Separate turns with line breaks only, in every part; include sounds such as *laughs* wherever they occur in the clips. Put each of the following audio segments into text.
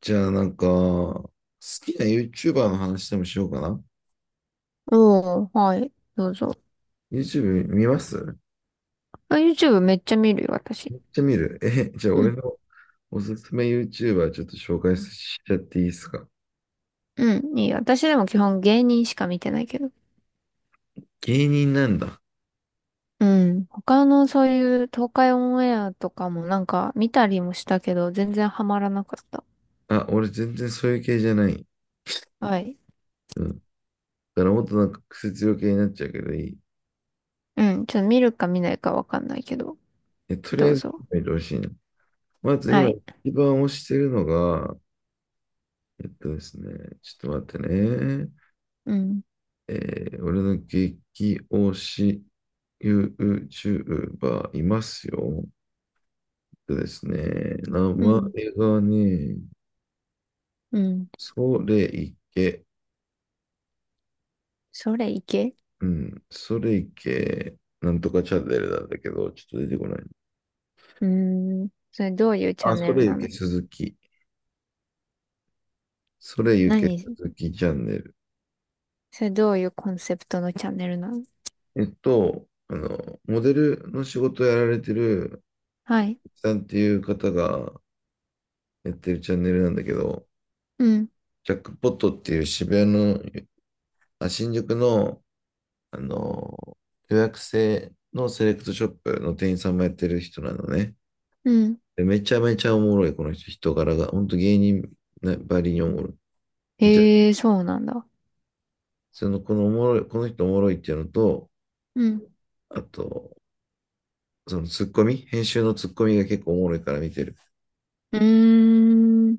じゃあなんか、好きな YouTuber の話でもしようかな。
おー、はい、どうぞ。
YouTube 見ます。
あ、YouTube めっちゃ見るよ、私。
めっちゃ見る。え、じゃあ
う
俺
ん。
のおすすめ YouTuber ちょっと紹介しちゃっていいですか？
うん、いいよ。私でも基本芸人しか見てないけど。
芸人なんだ。
うん。他のそういう東海オンエアとかもなんか見たりもしたけど、全然ハマらなかった。
あ、俺全然そういう系じゃない。
はい。
うん。だからもっとなんか癖強系になっちゃうけどいい？
うん。ちょっと見るか見ないかわかんないけど、
え、とりあ
ど
え
う
ず
ぞ。
見てほしいな。まず
は
今
い。
一番推してるのが、ですね、ちょっと待ってね。
うん。
え俺の激推し YouTuber いますよ。でですね、名
う
前
ん。
がね、
うん。
それいけ、
それいけ。
うん、それいけ、なんとかチャンネルなんだけど、ちょっと出てこない。
うーん。それどういうチャ
あ、
ン
そ
ネル
れゆ
な
け
の？
鈴木。それゆけ
何、
鈴木チャンネル。
それどういうコンセプトのチャンネルなの？
あの、モデルの仕事をやられてる、
はい。
さんっていう方がやってるチャンネルなんだけど、
うん。
ジャックポットっていう渋谷の、あ、新宿の、あの、予約制のセレクトショップの店員さんもやってる人なのね。
うん。
で、めちゃめちゃおもろい、この人、人柄が。ほんと芸人なばりにおもろい。めちゃ、
へえ、そうなんだ。
その、この人おもろいっていうのと、
うん。
あと、そのツッコミ、編集のツッコミが結構おもろいから見てる。
うーん。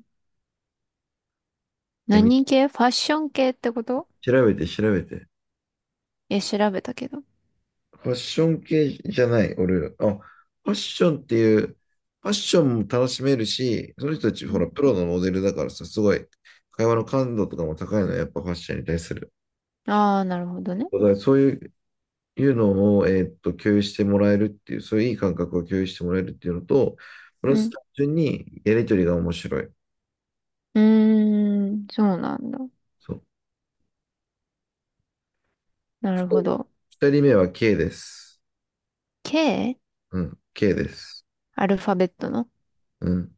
で、
何系？ファッション系ってこと？
調べて調べて。
いや、調べたけど。
ファッション系じゃない、俺。あ、ファッションっていう、ファッションも楽しめるし、その人たち、ほら、プロのモデルだからさ、すごい、会話の感度とかも高いのは、やっぱファッションに対する。
ああー、なるほどね。
だからそういう、いうのを、共有してもらえるっていう、そういういい感覚を共有してもらえるっていうのと、プラ
う
ス
ん。
単純にやりとりが面白い。
うーん、そうなんだ。
そう。
なる
二
ほ
人
ど。
二人目は K です。
K？
うん、K です。
アルファベットの？
うん、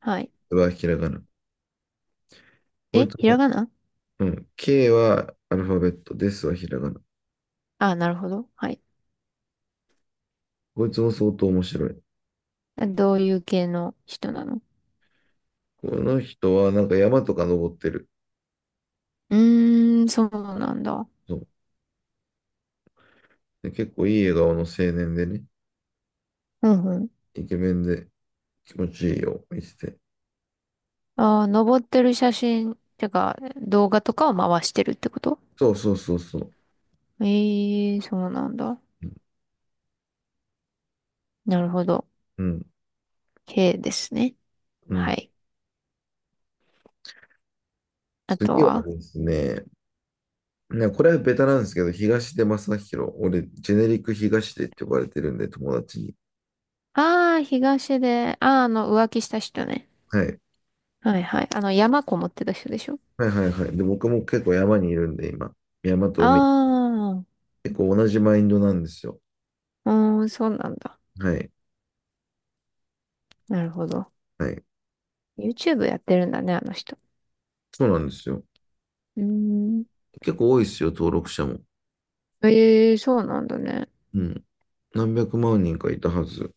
はい。
はひらがな。こい
え、
つ
ひ
は、
らがな？
うん、K はアルファベット、ですはひらがな。
ああー、なるほど。はい。
こいつも相当面白い。
どういう系の人なの？
この人はなんか山とか登ってる。
うーん、そうなんだ。
そうで結構いい笑顔の青年でね、
うんうん。
イケメンで気持ちいいよ、見てて。
ああ、登ってる写真、てか、動画とかを回してるってこと？
そうそうそうそう。
ええー、そうなんだ。なるほど。
うん、
K ですね。
う
は
ん。
い。あ
次
と
は
は、
ですね、ね、これはベタなんですけど、東出昌大。俺、ジェネリック東出って呼ばれてるんで、友達に。
ああ、東で、ああ、浮気した人ね。
はい。
はいはい。山こもってた人でしょ？
はいはいはい。で、僕も結構山にいるんで、今。山と
あ
海。
あ、
結構同じマインドなんですよ。
うーん、そうなんだ。
はい。
なるほど。
はい。
YouTube やってるんだね、あの人。
そうなんですよ。
うーん。
結構多いですよ、登録者も。
ええ、そうなんだね。
うん。何百万人かいたはず。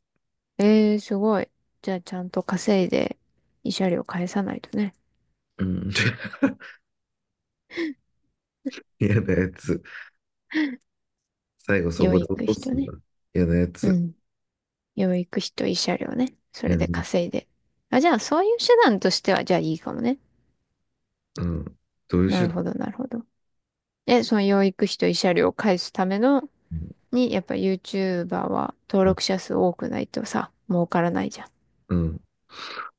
ええ、すごい。じゃあ、ちゃんと稼いで、慰謝料返さないとね。
うん。*laughs* 嫌なやつ。最後そ
養
こで落
育
と
費と
すんだ。
ね。
嫌なや
う
つ。
ん。養育費と慰謝料ね。それ
嫌な
で
や
稼
つ。
いで。あ、じゃあ、そういう手段としては、じゃあいいかもね。
うん。どういう
な
手
る
段？
ほど、なるほど。え、その養育費と慰謝料を返すための
うん。
に、やっぱ YouTuber は登
うん。
録者数多くないとさ、儲からないじゃん。っ
うん。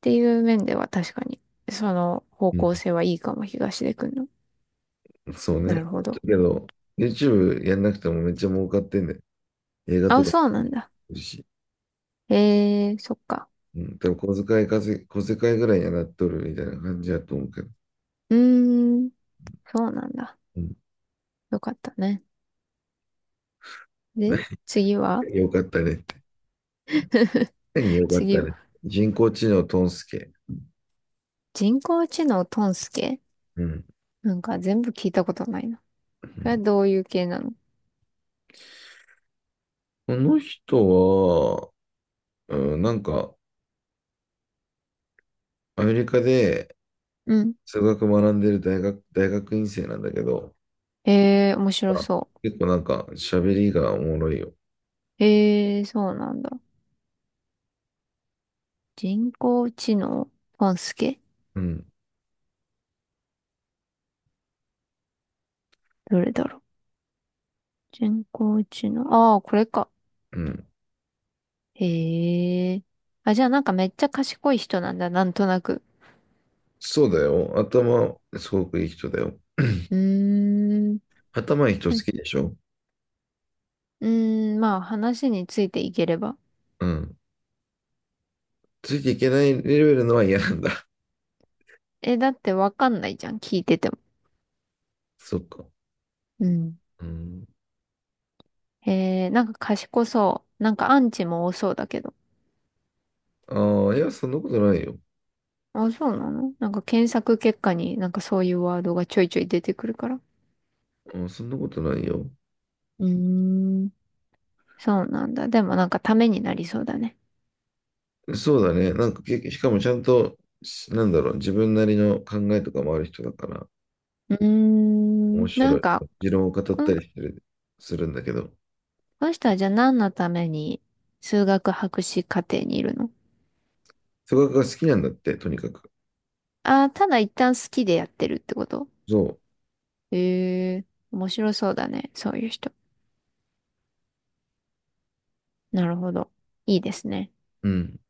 ていう面では確かに、その方
うん。
向性はいいかも、東出くんの。
そう
な
ね。だ
るほど。
けど、YouTube やんなくてもめっちゃ儲かってんだよ。映画と
あ、
かも
そうなんだ。
あるし。
へえー、そっか。
うん。多分小遣い稼ぎ、小遣いぐらいにはなっとるみたいな感じだと思うけど。
うーん、そうなんだ。
うん。
よかったね。で、次は。
*laughs* よかったねって。何よかっ
次
た
は。
ね。人工知能トンスケ。
人工知能トンスケ？
うん。
なんか全部聞いたことないな。
う
それは
ん。
どういう系なの？
この人は、うん、なんか、アメリカで
うん。
数学学んでる大学、大学院生なんだけど、
へえー、面白
あ、
そ
結構なんか喋りがおもろいよ。
う。へえー、そうなんだ。人工知能トンスケ、
うん、
どれだろう？人工知能。ああ、これか。
うん。
へえ。あ、じゃあなんかめっちゃ賢い人なんだ、なんとなく。
そうだよ。頭、すごくいい人だよ。
うーん。
頭いい人
は
好
い。
きでしょ？
うーん、まあ話についていければ。
うん。ついていけないレベルのは嫌なんだ。
え、だってわかんないじゃん、聞いてても。
*laughs* そっか。
うん。
うん。
へえ、なんか賢そう。なんかアンチも多そうだけど。
ああ、いや、そんなことないよ。
あ、そうなの？なんか検索結果になんかそういうワードがちょいちょい出てくるから。
うん、そんなことないよ。
うーん。そうなんだ。でもなんかためになりそうだね。
そうだね。なんか、けしかもちゃんと、し、なんだろう、自分なりの考えとかもある人だから、
うー
面
ん。な
白
ん
い。
か、
持論を語
こ
った
の
りしてる、するんだけど。
この人はじゃあ何のために数学博士課程にいるの？
数学が好きなんだって、とにかく。
ああー、ただ一旦好きでやってるってこと？
そ
ええー、面白そうだね。そういう人。なるほど。いいですね。
う。うん。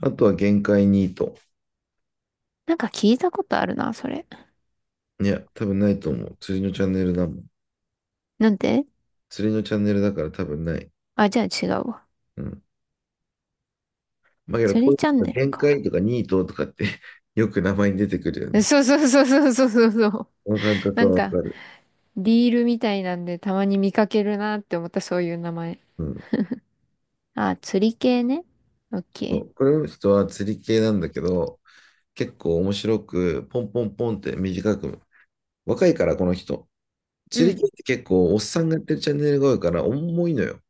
あとは限界ニート。
なんか聞いたことあるな、それ。
いや、多分ないと思う。釣りのチャンネルだもん。
なんで？
釣りのチャンネルだから多分ない。
あ、じゃあ違うわ。
うん。まあ、けど
釣
こ
り
うい
チャン
う
ネル
限
か。
界とかニートとかって *laughs* よく名前に出てくるよ
*laughs*
ね。
そうそうそうそうそうそうそう。
この感覚
なん
はわか
か、
る。
リールみたいなんでたまに見かけるなって思った、そういう名前。
うん。
あ、釣り系ね。オッ
そ
ケ
う。これの人は釣り系なんだけど、結構面白く、ポンポンポンって短く。若いから、この人。
ー。う
釣り
ん。
系って結構、おっさんがやってるチャンネルが多いから、重いのよ。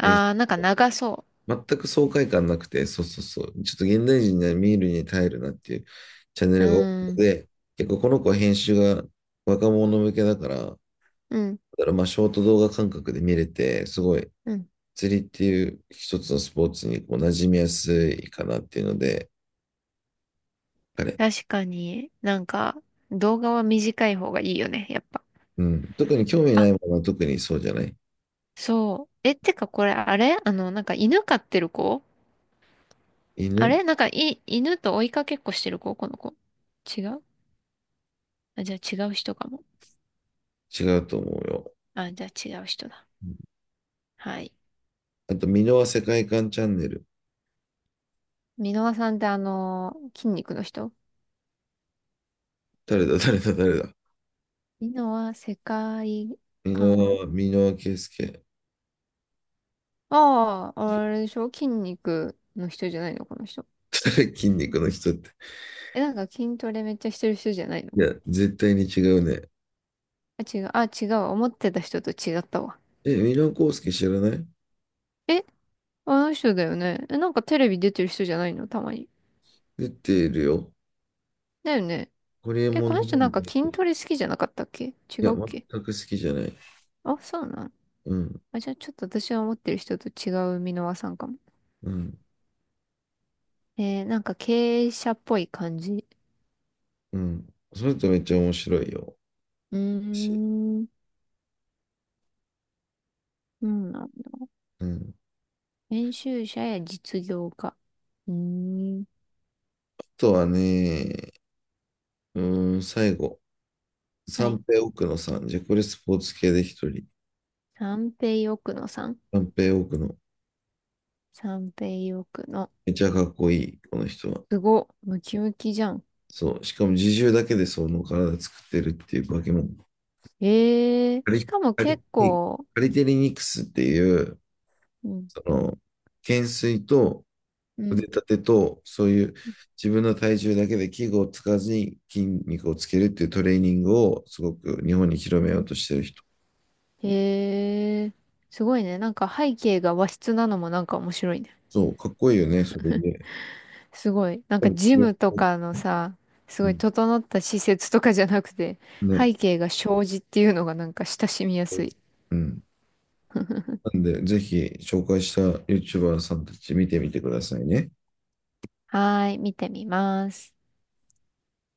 編集
あ、なんか長そ
全く爽快感なくて、そうそうそう。ちょっと現代人には見るに耐えるなっていうチャンネ
う。う
ルが多く
ーん。
て、結構この子は編集が若者向けだから、だ
うん。
からまあショート動画感覚で見れて、すごい
うん。
釣りっていう一つのスポーツにこう馴染みやすいかなっていうので、彼。
確かになんか動画は短い方がいいよね、やっぱ。
うん。特に興味な
あ、
いものは特にそうじゃない？
そう。え、てかこれあれ、なんか犬飼ってる子？あ
犬、
れなんかい、犬と追いかけっこしてる子この子。違う？あ、じゃあ違う人かも。
違うと思うよ。
あ、じゃあ違う人だ。
うん。
はい。
あと、箕輪世界観チャンネル。
箕輪さんってあの、筋肉の人？
誰だ誰だ誰だ。
箕輪世界
箕
観。
輪、箕輪圭介。
ああ、あれでしょ、筋肉の人じゃないのこの人。
誰筋肉の人って。
え、なんか筋トレめっちゃしてる人じゃない
い
の？
や、絶対に違うね。
あ、違う。あ、違う。思ってた人と違ったわ。
え、ミラーコウスケ知らない？
え、あの人だよね。え、なんかテレビ出てる人じゃないのたまに。
出てるよ。
だよね。
ホリエ
え、
モン
この
の
人
本
な
も
んか
出て
筋
る。
トレ好きじゃなかったっけ？違
いや、
うっ
全
け？
く好きじゃない。
あ、そうなん。
うん、
あ、じゃあちょっと私が思ってる人と違う箕輪さんかも。
うん、
えー、なんか経営者っぽい感じ。
うん。それとめっちゃ面白いよ。
うー
私。
ん、うんなんだ。
うん。
編集者や実業家。うーん、
あとはね、うーん、最後。
は
三
い。
平奥野さん。じゃ、これスポーツ系で一人。
三平奥野さん。
三平奥野。
三平奥野。
めっちゃかっこいい、この人は。
すごっ、ムキムキじゃん。
そう。しかも自重だけでその体作ってるっていう化け物。
ええー、
カ
し
リ、
かも
カリ、
結構、
カリテリニクスっていう、
うん、
その、懸垂と
う
腕
ん。
立てと、そういう自分の体重だけで器具を使わずに筋肉をつけるっていうトレーニングをすごく日本に広めようとしてる人。
へえ、すごいね。なんか背景が和室なのもなんか面白いね。
そう、かっこいいよね、それで。
すごい。なん
多
かジ
分、
ムとかのさ、す
う
ごい
ん、
整った施設とかじゃなくて、
ね。
背景が障子っていうのがなんか親しみやすい。
うん。なんで、ぜひ紹介した YouTuber さんたち見てみてくださいね。
はーい、見てみます。